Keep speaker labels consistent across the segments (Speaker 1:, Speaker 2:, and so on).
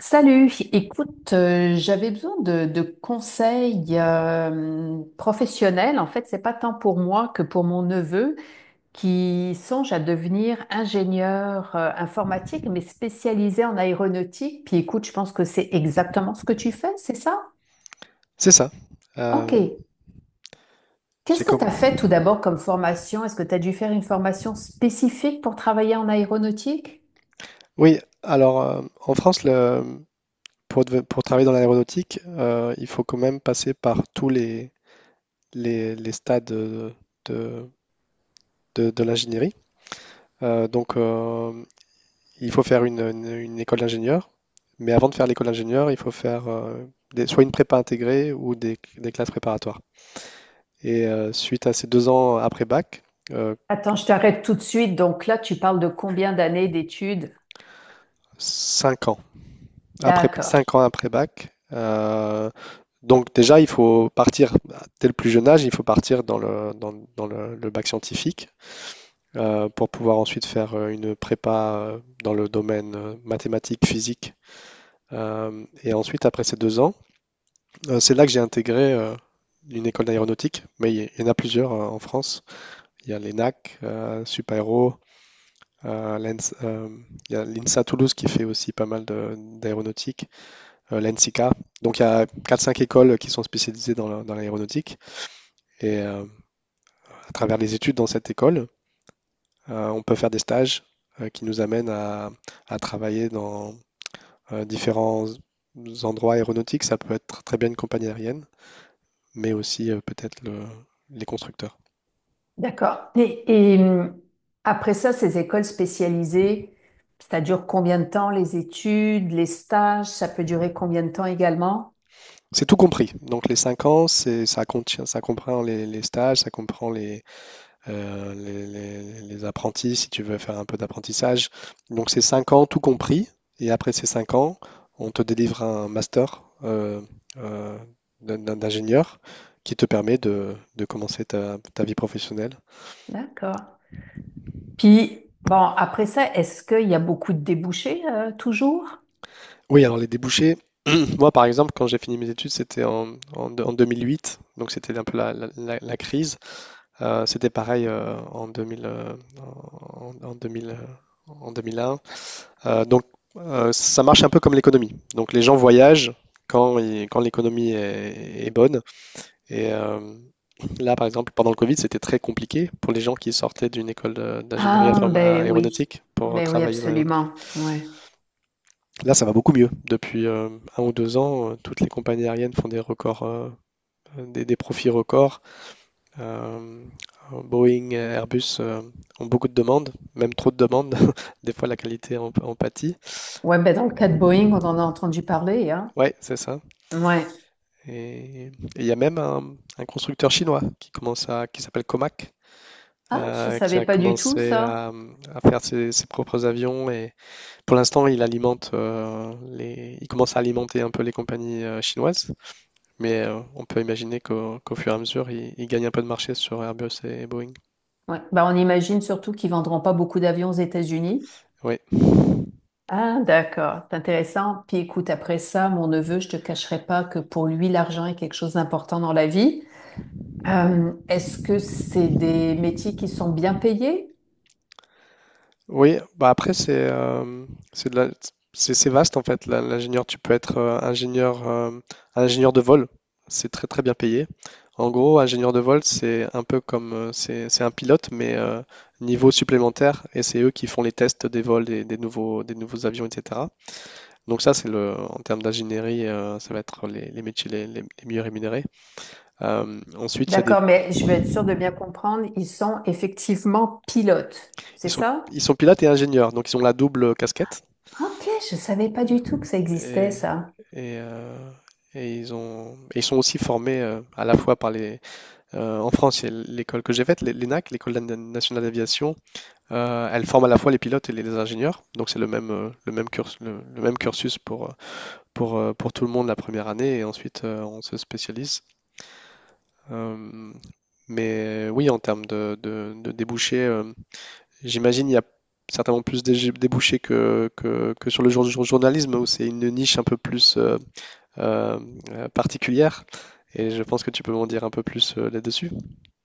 Speaker 1: Salut, écoute, j'avais besoin de conseils professionnels. En fait, c'est pas tant pour moi que pour mon neveu qui songe à devenir ingénieur informatique, mais spécialisé en aéronautique. Puis écoute, je pense que c'est exactement ce que tu fais, c'est ça?
Speaker 2: C'est ça.
Speaker 1: OK.
Speaker 2: Euh, c'est
Speaker 1: Qu'est-ce que tu
Speaker 2: comme.
Speaker 1: as fait tout d'abord comme formation? Est-ce que tu as dû faire une formation spécifique pour travailler en aéronautique?
Speaker 2: Oui, alors, en France, pour travailler dans l'aéronautique, il faut quand même passer par les stades de, de l'ingénierie. Euh, donc, euh, il faut faire une école d'ingénieur, mais avant de faire l'école d'ingénieur, il faut faire, soit une prépa intégrée ou des classes préparatoires. Et suite à ces 2 ans après bac, euh,
Speaker 1: Attends, je t'arrête tout de suite. Donc là, tu parles de combien d'années d'études?
Speaker 2: cinq ans
Speaker 1: D'accord.
Speaker 2: 5 ans après bac. Euh, Donc déjà, dès le plus jeune âge, il faut partir dans le, dans, dans le bac scientifique, pour pouvoir ensuite faire une prépa, dans le domaine, mathématiques, physique. Et ensuite, après ces 2 ans, c'est là que j'ai intégré une école d'aéronautique, mais il y en a plusieurs, en France. Il y a l'ENAC, Supaéro, euh, euh, il y a l'INSA Toulouse, qui fait aussi pas mal d'aéronautique, l'ENSICA. Donc il y a quatre, cinq écoles qui sont spécialisées dans l'aéronautique. Et, à travers les études dans cette école. On peut faire des stages qui nous amènent à travailler dans différents endroits aéronautiques. Ça peut être très bien une compagnie aérienne, mais aussi peut-être les constructeurs.
Speaker 1: D'accord. Et, après ça, ces écoles spécialisées, ça dure combien de temps les études, les stages, ça peut durer combien de temps également?
Speaker 2: C'est tout compris. Donc les 5 ans, ça contient, ça comprend les stages, ça comprend les apprentis, si tu veux faire un peu d'apprentissage. Donc c'est 5 ans tout compris, et après ces 5 ans, on te délivre un master, euh, d'ingénieur, qui te permet de commencer ta vie professionnelle.
Speaker 1: D'accord. Puis, bon, après ça, est-ce qu'il y a beaucoup de débouchés toujours?
Speaker 2: Oui, alors les débouchés, moi par exemple, quand j'ai fini mes études, c'était en 2008. Donc c'était un peu la crise. C'était pareil, en 2000, en 2000, en 2001. Euh, donc, ça marche un peu comme l'économie. Donc, les gens voyagent quand l'économie est bonne. Et là, par exemple, pendant le Covid, c'était très compliqué pour les gens qui sortaient d'une école d'ingénierie
Speaker 1: Ah, ben oui.
Speaker 2: aéronautique, pour
Speaker 1: Ben oui,
Speaker 2: travailler dans l'aéronautique.
Speaker 1: absolument. Ouais.
Speaker 2: Là, ça va beaucoup mieux. Depuis 1 ou 2 ans, toutes les compagnies aériennes font des records, des profits records. Euh, Boeing, Airbus ont beaucoup de demandes, même trop de demandes. Des fois, la qualité en pâtit.
Speaker 1: Ouais, ben dans le cas de Boeing, on en a entendu parler, hein?
Speaker 2: Ouais, c'est ça.
Speaker 1: Ouais.
Speaker 2: Et il y a même un constructeur chinois, qui s'appelle Comac,
Speaker 1: Ah, je
Speaker 2: qui
Speaker 1: savais
Speaker 2: a
Speaker 1: pas du tout
Speaker 2: commencé
Speaker 1: ça.
Speaker 2: à faire ses propres avions. Et pour l'instant, il commence à alimenter un peu les compagnies chinoises. Mais on peut imaginer qu'au fur et à mesure, il gagne un peu de marché sur Airbus et Boeing.
Speaker 1: Ouais. Ben, on imagine surtout qu'ils vendront pas beaucoup d'avions aux États-Unis.
Speaker 2: Oui.
Speaker 1: Ah, d'accord, c'est intéressant. Puis écoute, après ça, mon neveu, je te cacherai pas que pour lui, l'argent est quelque chose d'important dans la vie. Est-ce que c'est des métiers qui sont bien payés?
Speaker 2: Oui, bah après c'est de la- c'est vaste en fait. L'ingénieur, tu peux être ingénieur, ingénieur de vol. C'est très très bien payé. En gros, ingénieur de vol, c'est un peu comme c'est un pilote, mais niveau supplémentaire, et c'est eux qui font les tests des vols des nouveaux avions, etc. Donc ça c'est le en termes d'ingénierie, ça va être les métiers les mieux rémunérés. Ensuite il y a des
Speaker 1: D'accord, mais je veux être sûre de bien comprendre, ils sont effectivement pilotes,
Speaker 2: ils
Speaker 1: c'est
Speaker 2: sont
Speaker 1: ça?
Speaker 2: ils sont pilotes et ingénieurs, donc ils ont la double casquette.
Speaker 1: Ok, je savais pas du tout que ça existait, ça.
Speaker 2: Et, euh, et ils sont aussi formés, à la fois, par les. En France, il y a l'école que j'ai faite, l'ENAC, l'École nationale d'aviation. Elle forme à la fois les pilotes et les ingénieurs. Donc c'est le même cursus, le même cursus pour tout le monde la première année. Et ensuite, on se spécialise. Euh, mais oui, en termes de débouchés, j'imagine il y a certainement plus de débouchés que sur le journalisme, où c'est une niche un peu plus euh, particulière. Et je pense que tu peux m'en dire un peu plus là-dessus.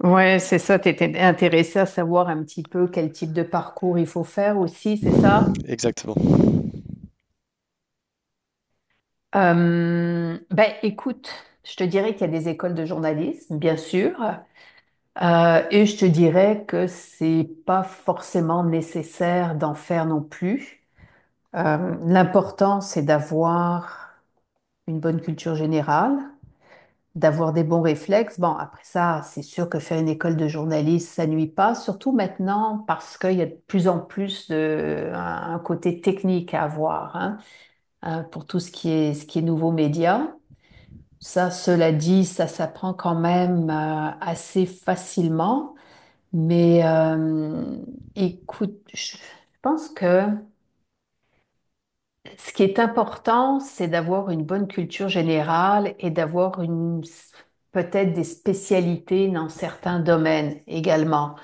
Speaker 1: Ouais, c'est ça, tu étais intéressée à savoir un petit peu quel type de parcours il faut faire aussi, c'est ça?
Speaker 2: Exactement.
Speaker 1: Ben, écoute, je te dirais qu'il y a des écoles de journalisme, bien sûr, et je te dirais que c'est pas forcément nécessaire d'en faire non plus. L'important, c'est d'avoir une bonne culture générale, d'avoir des bons réflexes. Bon, après ça, c'est sûr que faire une école de journalisme, ça nuit pas, surtout maintenant parce qu'il y a de plus en plus de, un côté technique à avoir, hein, pour tout ce qui est nouveaux médias. Ça, cela dit, ça s'apprend quand même assez facilement. Mais écoute, je pense que ce qui est important, c'est d'avoir une bonne culture générale et d'avoir une peut-être des spécialités dans certains domaines également.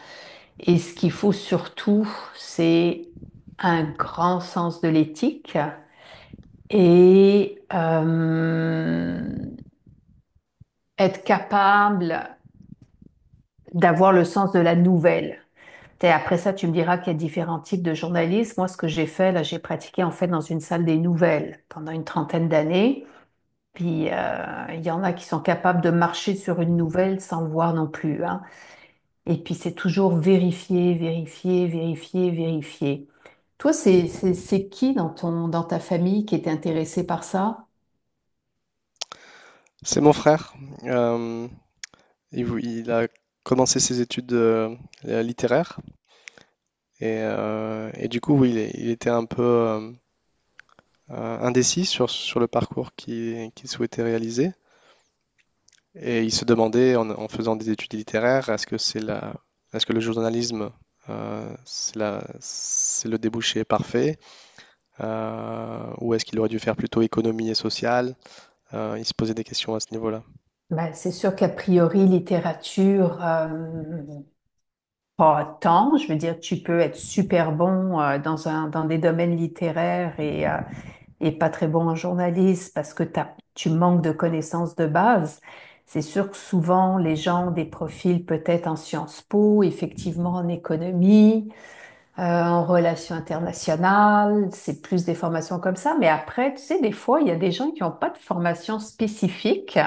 Speaker 1: Et ce qu'il faut surtout, c'est un grand sens de l'éthique et être capable d'avoir le sens de la nouvelle. Après ça, tu me diras qu'il y a différents types de journalisme. Moi, ce que j'ai fait, là, j'ai pratiqué en fait dans une salle des nouvelles pendant une trentaine d'années. Puis, il y en a qui sont capables de marcher sur une nouvelle sans le voir non plus, hein. Et puis, c'est toujours vérifier, vérifier, vérifier, vérifier. Toi, c'est qui dans ta famille qui est intéressé par ça?
Speaker 2: C'est mon frère. Euh, il a commencé ses études littéraires, et du coup, oui, il était un peu indécis sur le parcours qu'il souhaitait réaliser. Et il se demandait, en faisant des études littéraires, est-ce que le journalisme, c'est le débouché parfait? Ou est-ce qu'il aurait dû faire plutôt économie et sociale. Il se posait des questions à ce niveau-là.
Speaker 1: Ben, c'est sûr qu'a priori, littérature, pas tant. Je veux dire, tu peux être super bon dans des domaines littéraires et pas très bon en journaliste parce que tu manques de connaissances de base. C'est sûr que souvent, les gens ont des profils peut-être en Sciences Po, effectivement en économie, en relations internationales, c'est plus des formations comme ça. Mais après, tu sais, des fois, il y a des gens qui n'ont pas de formation spécifique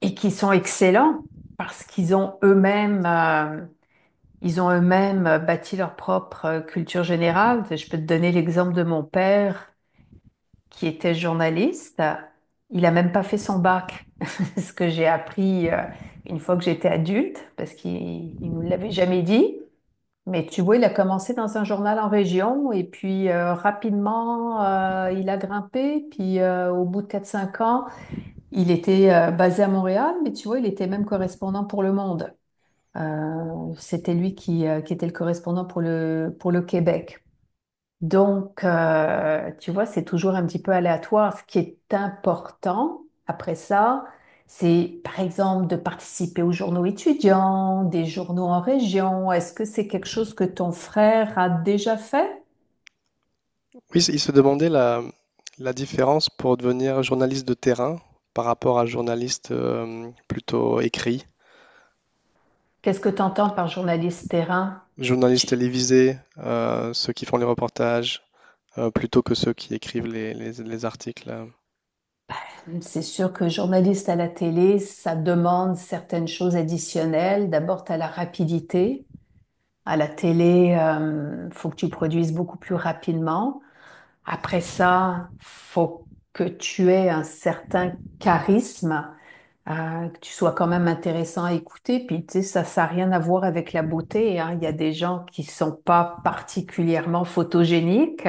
Speaker 1: et qui sont excellents parce qu'ils ont eux-mêmes ils ont eux-mêmes bâti leur propre culture générale. Je peux te donner l'exemple de mon père qui était journaliste. Il a même pas fait son bac, ce que j'ai appris une fois que j'étais adulte, parce qu'il ne nous l'avait jamais dit. Mais tu vois, il a commencé dans un journal en région et puis rapidement, il a grimpé. Puis au bout de quatre cinq ans, il était basé à Montréal, mais tu vois, il était même correspondant pour Le Monde. C'était lui qui était le correspondant pour le Québec. Donc, tu vois, c'est toujours un petit peu aléatoire. Ce qui est important après ça, c'est par exemple de participer aux journaux étudiants, des journaux en région. Est-ce que c'est quelque chose que ton frère a déjà fait?
Speaker 2: Oui, il se demandait la différence pour devenir journaliste de terrain par rapport à journaliste plutôt écrit,
Speaker 1: Qu'est-ce que tu entends par journaliste terrain?
Speaker 2: journaliste
Speaker 1: Tu-
Speaker 2: télévisé, ceux qui font les reportages, plutôt que ceux qui écrivent les articles.
Speaker 1: C'est sûr que journaliste à la télé, ça demande certaines choses additionnelles. D'abord, tu as la rapidité. À la télé, faut que tu produises beaucoup plus rapidement. Après ça, faut que tu aies un certain charisme, que tu sois quand même intéressant à écouter. Puis, tu sais, ça n'a rien à voir avec la beauté, hein. Il y a des gens qui sont pas particulièrement photogéniques,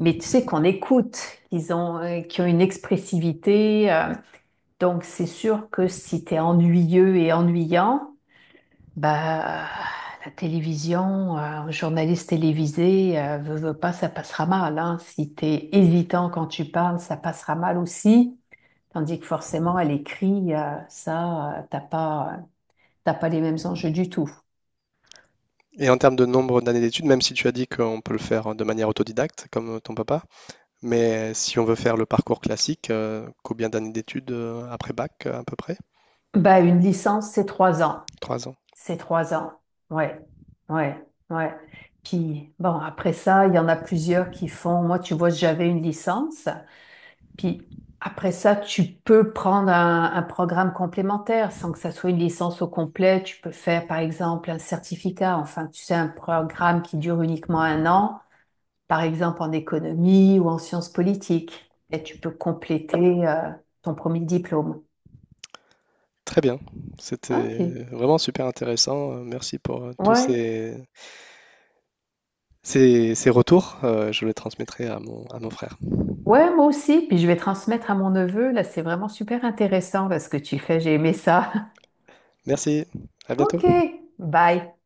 Speaker 1: mais tu sais qu'on écoute, qui ont une expressivité. Donc, c'est sûr que si tu es ennuyeux et ennuyant, bah, la télévision, un journaliste télévisé, veux, veux pas, ça passera mal, hein. Si t'es hésitant quand tu parles, ça passera mal aussi. Tandis que forcément, à l'écrit, ça, t'as pas les mêmes enjeux du tout.
Speaker 2: Et en termes de nombre d'années d'études, même si tu as dit qu'on peut le faire de manière autodidacte, comme ton papa, mais si on veut faire le parcours classique, combien d'années d'études après bac, à peu près?
Speaker 1: Bah, une licence, c'est 3 ans.
Speaker 2: 3 ans.
Speaker 1: C'est 3 ans. Ouais. Ouais. Ouais. Puis, bon, après ça, il y en a plusieurs qui font. Moi, tu vois, j'avais une licence. Puis après ça, tu peux prendre un programme complémentaire sans que ça soit une licence au complet. Tu peux faire, par exemple, un certificat, enfin, tu sais, un programme qui dure uniquement un an, par exemple en économie ou en sciences politiques. Et tu peux compléter ton premier diplôme.
Speaker 2: Très bien,
Speaker 1: Ok.
Speaker 2: c'était vraiment super intéressant. Merci tous
Speaker 1: Ouais.
Speaker 2: ces retours. Je les transmettrai à mon frère.
Speaker 1: Ouais, moi aussi. Puis je vais transmettre à mon neveu. Là, c'est vraiment super intéressant là, ce que tu fais. J'ai aimé ça.
Speaker 2: Merci, à bientôt.
Speaker 1: Ok. Bye.